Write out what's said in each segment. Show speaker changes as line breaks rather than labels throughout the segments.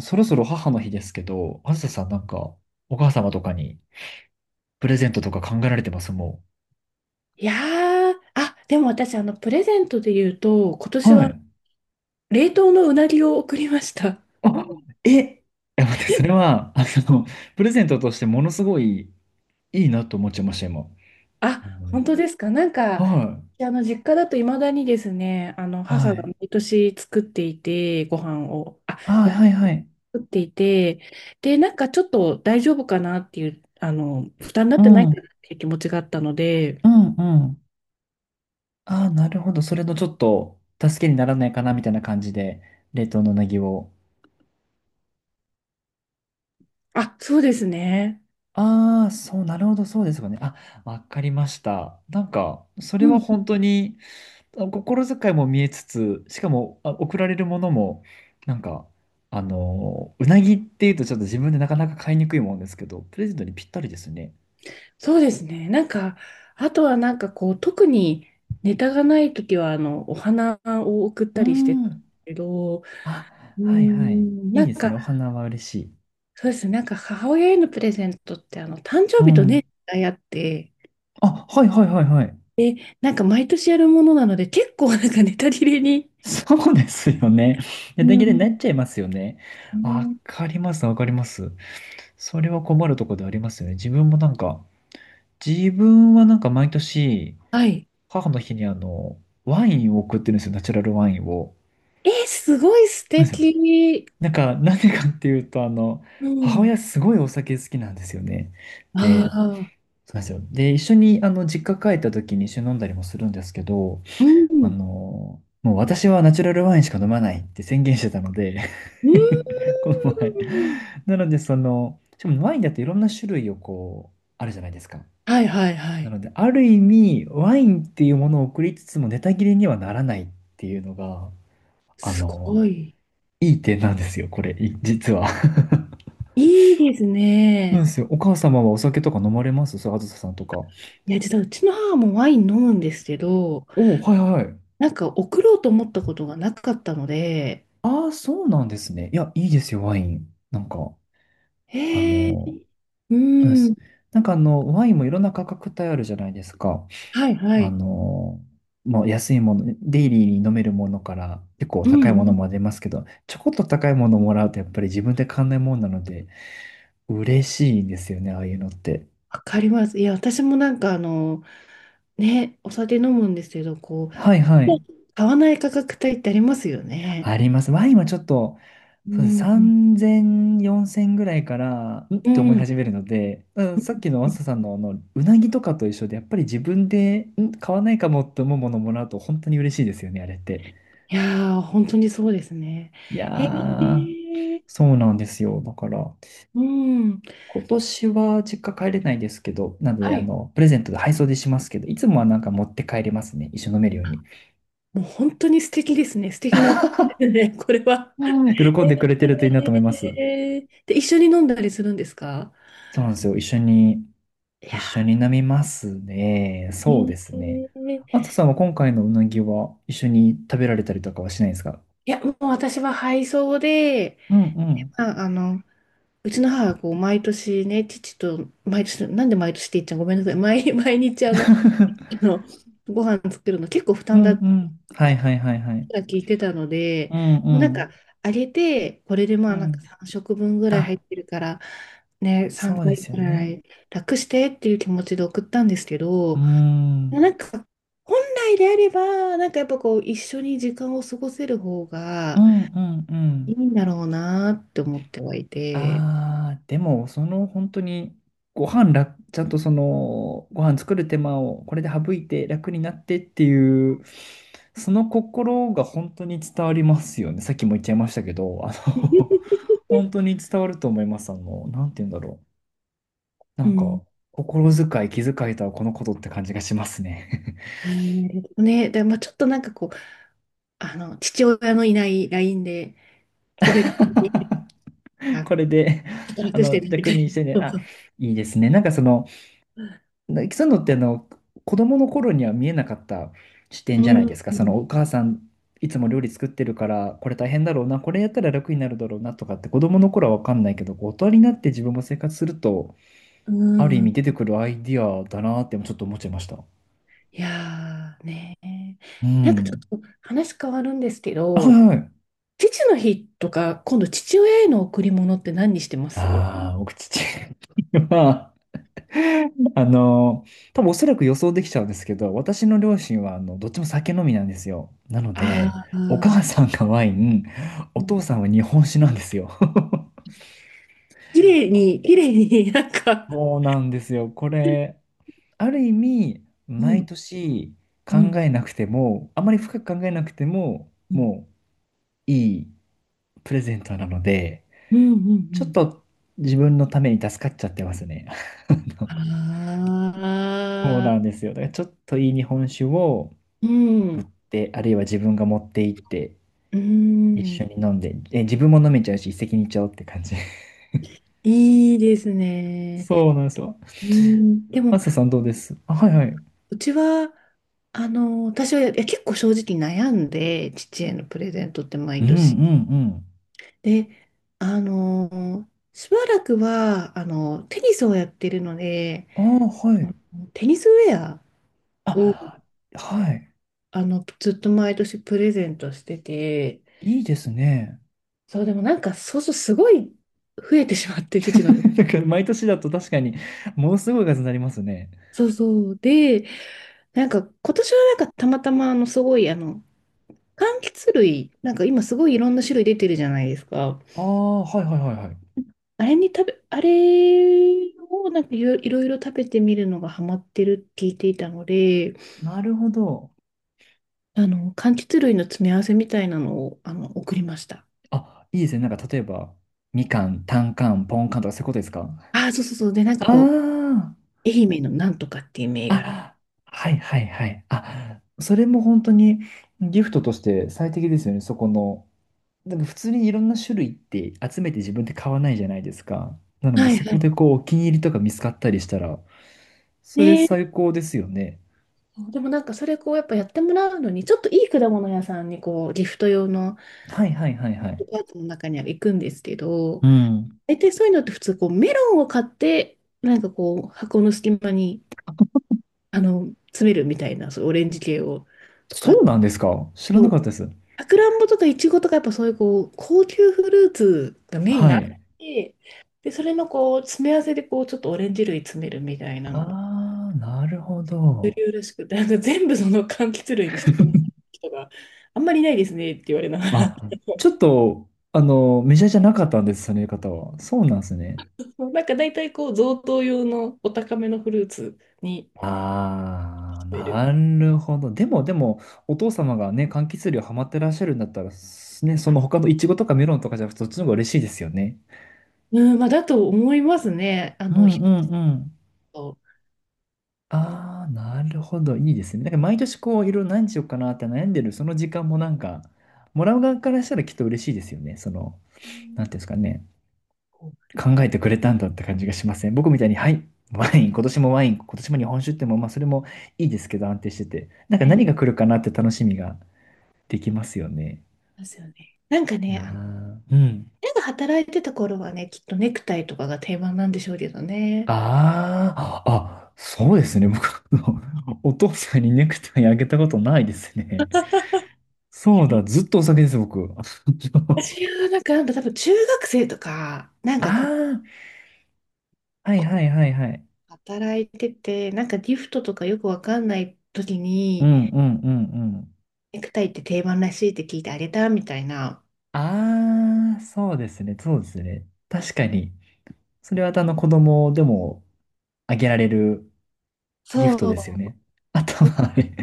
そろそろ母の日ですけど、あずささんなんか、お母様とかにプレゼントとか考えられてますも
いやー、でも私、プレゼントで言うと、今
う。
年
は
は
い。
冷凍のうなぎを送りました。
あ、え、いや、待って、それは、の、プレゼントとしてものすごいいいなと思っちゃいました、今。あ
あ、
の、
本当ですか。なんか、
はい。
実家だと未だにですね、
は
母が
い。
毎年作っていて、ご飯を、
あ、はいはい。
作っていて、で、なんかちょっと大丈夫かなっていう、負担になっ
う
てない
ん。
かな
う
っていう気持ちがあったので、
んうん。あ、なるほど。それのちょっと、助けにならないかな、みたいな感じで、冷凍のうなぎを。
あ、そうですね。
ああ、そう、なるほど、そうですかね。あ、わかりました。なんか、それは本当に、心遣いも見えつつ、しかも、送られるものも、なんか、うなぎっていうとちょっと自分でなかなか買いにくいもんですけど、プレゼントにぴったりですね。
そうですね。なんか、あとはなんかこう、特にネタがないときは、お花を送っ
う
たりしてたんです
ん。
けど、
あ、はいはい。い
な
い
ん
ですね。
か、
お花は嬉しい。
そうですね。なんか母親へのプレゼントって、誕生
う
日と
ん。
ね、あって、
あ、はいはいはいはい。
なんか毎年やるものなので、結構なんかネタ切れに。
そうですよね。
う
大段切れにな
ん。
っちゃいますよね。
う
わ
ん
かります、わかります。それは困るところでありますよね。自分もなんか、自分はなんか毎年、
はい。
母の日にワインを送ってるんですよ、ナチュラルワインを。
えー、すごい素
なんですよ。
敵。
なんか、なんでかっていうと、
う
母
ん。
親すごいお酒好きなんですよね。
あ
で、
あ、
そうなんですよ。で、一緒に、実家帰った時に一緒に飲んだりもするんですけど、
うん。
もう私はナチュラルワインしか飲まないって宣言してたので
う
この前。
ん。
なので、その、しかもワインだっていろんな種類をこう、あるじゃないですか。
はいはいは
な
い。
ので、ある意味、ワインっていうものを送りつつも、ネタ切れにはならないっていうのが、あ
す
の、
ごい。
いい点なんですよ、これ、実は。
いいです
なんで
ね。
すよ。お母様はお酒とか飲まれますそう、あずささんとか。
いや、実はうちの母もワイン飲むんですけど、
はいはいはい。
なんか送ろうと思ったことがなかったので、
ああ、そうなんですね。いや、いいですよ、ワイン。なんか、あ
へえ、
の、
う
そうで
ん、
す。なんかワインもいろんな価格帯あるじゃないですか。
はいは
あ
い。
の、まあ、安いもの、デイリーに飲めるものから結構
うん
高いも
う
の
ん、
も出ますけど、ちょこっと高いものもらうとやっぱり自分で買わないもんなので、嬉しいんですよね、ああいうのって。
わかります。いや、私もなんかね、お酒飲むんですけど、こ
はいはい。
う、買わない価格帯ってありますよね。
あります。ワインはちょっと、
う
そうです。
ん、うん、
3000、4000ぐらいから、んっ
う
て思い
ん
始めるので、うん、さっきのマサさんのうなぎとかと一緒で、やっぱり自分で、買わないかもって思うものをもらうと本当に嬉しいですよね、あれって。
いやー、本当にそうですね。
いや
へ
ー、
え、
そうなんですよ。だから、
うん、
今年は実家帰れないですけど、なの
は
で、
い。
プレゼントで配送でしますけど、いつもはなんか持って帰れますね。一緒に飲めるように。
もう本当に素敵ですね。素敵なお子ですね、これは。
うん、喜んでくれてるといいなと思います。
えー、で、一緒に飲んだりするんですか？
そうなんですよ。一緒に
いや
一緒に飲みますね。
ー、
そうですね。
え
あ
ー。
とさんは今回のうなぎは一緒に食べられたりとかはしないんですか？
いや、もう私は配送で、
うんうん。
まあ、うちの母はこう毎年ね、父と、毎年、なんで毎年って言っちゃうごめんなさい、毎日の、ご飯作るの結構負
う
担
ん
だっ
う
て
ん。はいはいはいはい。
聞いてたので、
うん
もうなん
う
か、
ん。
あげて、これでま
う
あなんか
ん。
3食分ぐらい入っ
あ、
てるから、ね、3
そうで
回
す
ぐ
よ
ら
ね。
い楽してっていう気持ちで送ったんですけ
うー
ど、
ん。
なんか、本来であれば、なんかやっぱこう、一緒に時間を過ごせる方
う
が
んうんう
いい
ん。
んだろうなって思ってはいて、
ああ、でも、その本当に、ご飯ら、ちゃんとその、ご飯作る手間をこれで省いて楽になってっていう、その心が本当に伝わりますよね。さっきも言っちゃいましたけど、の 本当に伝わると思います。なんて言うんだろう。な
う
んか、
ん。
心遣い、気遣いとはこのことって感じがしますね。
いやね、でまあちょっとなんかこう、父親のいない LINE で、個別に、ちょ
これで、
っと楽してるみ
逆
た
にし
い
てね、
な。そう
あ、
そう
いいですね。なんかその、でそうなのって、あの子供の頃には見えなかった視
う
点じゃないで
ん
すか。
う
そ
ん
のお母さんいつも料理作ってるからこれ大変だろうな、これやったら楽になるだろうなとかって子供の頃は分かんないけど、こう大人になって自分も生活するとある意味出てくるアイディアだなってちょっと思っちゃいました。
いやーね、
う
なんかち
ん。
ょっと話変わるんですけ
は
ど、
いはい。
父の日とか、今度父親への贈り物って何にしてます？
ああ、僕父 はあの、多分おそらく予想できちゃうんですけど、私の両親はあのどっちも酒飲みなんですよ。なので、
あ
お
あー、
母さんがワイン、
う
お
ん。
父さんは日本酒なんですよ。
綺麗
こ
に、綺麗に、 なんか、
そうなんですよ。これ、ある意味、
う
毎
ん、
年
う
考
ん、
えなくても、あまり深く考えなくても、
うん、
もういいプレゼントなので、
うん、うん。う
ちょっ
ん。
と自分のために助かっちゃってますね。
あ
そう
あ
なんですよ。だからちょっといい日本酒を、
ー、
売っ
う
て、あるいは自分が持って行って
ん、
一
うん、
緒に飲んで、え、自分も飲めちゃうし一石二鳥って感じ。
いいです ね。
そうなんですよ。
うん、で
マ
も、
サさんどうです？あ、はいはい。
うちは、私は、いや結構正直悩んで、父へのプレゼントって
う
毎
んうんう
年。
ん。
で、しばらくは、テニスをやってるので、
ああ、は
あ
い。
テニスウェアを、
あ、はい。
ずっと毎年プレゼントしてて、
いいですね。
そう、でもなんか、そうそう、すごい増えてしまって、父の。
だから毎年だと確かにものすごい数になりますね。
そう、そう。で、なんか、今年はなんか、たまたま、すごい、柑橘類、なんか今すごいいろんな種類出てるじゃないですか。
ああ、はいはいはいは
あれに食べ、あれをなんかいろいろいろ食べてみるのがハマってるって聞いていたので、
い。なるほど。
柑橘類の詰め合わせみたいなのを、送りました。
あ、いいですね。なんか例えば、みかん、たんかん、ぽんかんとかそういうことですか？
ああ、そう、そう、そう。で、なんか
あ
こ
あ。
う、愛媛のなんとかっていう銘柄。
あ、はいはいはい。あ、それも本当にギフトとして最適ですよね、そこの。でも普通にいろんな種類って集めて自分で買わないじゃないですか。なの
は
で
い
そ
は
こ
い。
でこうお気に入りとか見つかったりしたら、それ
ね、
最高ですよね。
でもなんかそれこうやっぱやってもらうのにちょっといい果物屋さんにこうギフト用の
はいはいはいはい。
パーツの中には行くんですけど、
うん。
大体そういうのって普通こうメロンを買ってなんかこう箱の隙間に詰めるみたいな、そういうオレンジ系を、とか、あ
そう
と、
なんですか、知ら
そ
なかった
う、
です。
さくらんぼとかいちごとかやっぱそういうこう高級フルーツがメイン
は
なの
い。
で、でそれのこう詰め合わせでこうちょっとオレンジ類詰めるみたいなのが
ああ、なるほ
主
ど。
流らしくて、なんか全部その柑橘類にしてくださいって人があんまりいないですねって言われながら、
あ、ちょっと、メジャーじゃなかったんです、その言い方は。そうなんですね。
なんか大体こう贈答用のお高めのフルーツに
ああ、
聞こる。
なるほど。でも、でも、お父様がね、柑橘類ハマってらっしゃるんだったら、すね、その他のイチゴとかメロンとかじゃなくて、そっちの方が嬉しいですよね。
うん、まあだと思いますね。
うんう
ひ
んうん。
と、
ああ、なるほど。いいですね。なんか毎年こう、いろいろ何しようかなって悩んでる、その時間もなんか、もらう側からしたらきっと嬉しいですよね。その、
え
なんていうんで
ー
すかね。
こ
考えてくれたんだって感じがしません？僕みたいに、はい、ワイン、今年もワイン、今年も日本酒っても、まあ、それもいいですけど、安定してて。なん
う、
か何
い
が来るかなって楽しみが。できますよね。
ですよね。なんか
な
ね、
あ、うん。
親が働いてた頃はね、きっとネクタイとかが定番なんでしょうけどね。
ああ、あ、そうですね。僕、あのお父さんにネクタイあげたことないですね。
い
そうだ、
や
ずっとお酒です、僕。
私はなんか、なんか多分中学生とか、なんか
あ
こう、
あ、はいはいはいはい。
働いてて、なんかギフトとかよくわかんない時
う
に、
んうんうんうん。
ネクタイって定番らしいって聞いてあげたみたいな。
ああ、そうですね、そうですね。確かに。それはあの子供でもあげられるギ
そ
フトです
う、
よね。あと
そう、
はあれ、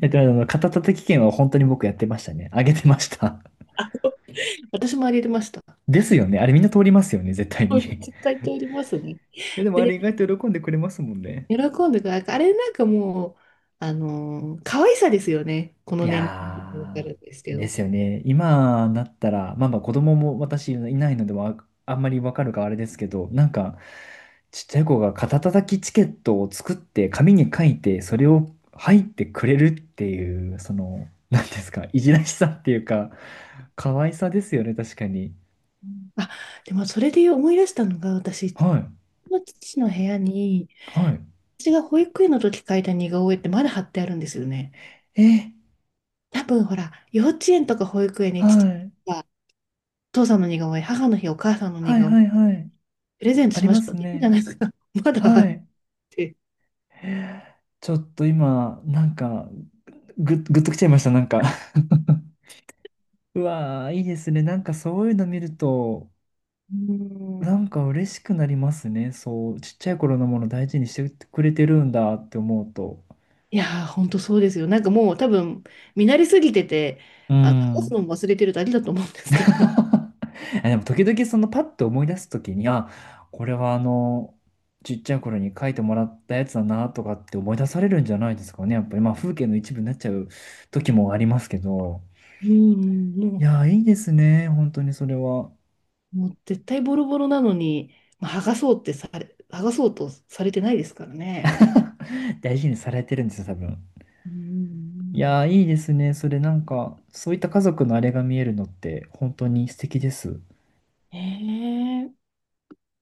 やってましたあの、肩たたき券は本当に僕やってましたね。あげてました。
私もあげてました。
ですよね。あれみんな通りますよね、絶対
そ
に。
う
い
絶対通りますね。
や、でもあれ
で、
意外と喜んでくれますもんね。
喜んでくれる。あれなんかもう、可愛さですよね。この
い
年齢でもわか
や
るんですけ
ー、で
ど。
すよね。今だったら、まあまあ子供も私いないので、あんまりわかるかあれですけど、なんか、ちっちゃい子が肩たたきチケットを作って紙に書いて、それを入ってくれるっていう、その、なんですか、いじらしさっていうか、可愛さですよね、確かに。
あ、でもそれで思い出したのが、私、う
はい、
ちの父の部屋に、
はい。
私が保育園の時描いた似顔絵ってまだ貼ってあるんですよね。
え、
多分ほら、幼稚園とか保育園に
はい、
が父さんの似顔絵、母の日、お母さんの似
はい、
顔絵、
はい、はい。
プレゼント
あ
し
り
ま
ま
しょうっ
す
て言うじゃ
ね。
ないですか。まだ貼っ
はい。
てて。
ちょっと今、なんか、ぐっときちゃいました、なんか。うわー、いいですね。なんかそういうの見ると、
うー
な
ん。
んか嬉しくなりますね。そう、ちっちゃい頃のもの大事にしてくれてるんだって思うと。
いやー、ほんとそうですよ。なんかもう多分、見慣れすぎてて、
う
話すの
ん。
も忘れてるだけだと思うんです けど。
あ、でも時々そのパッと思い出す時に、あ、これはちっちゃい頃に書いてもらったやつだなとかって思い出されるんじゃないですかね。やっぱりまあ風景の一部になっちゃう時もありますけど。
うん、も
いや
う、
ー、いいですね。本当にそれは。
もう絶対ボロボロなのに、まあ、剥がそうとされてないですからね。
大事にされてるんですよ、多分。
うん
いやー、いいですね。それなんか、そういった家族のあれが見えるのって、本当に素敵です。
へえ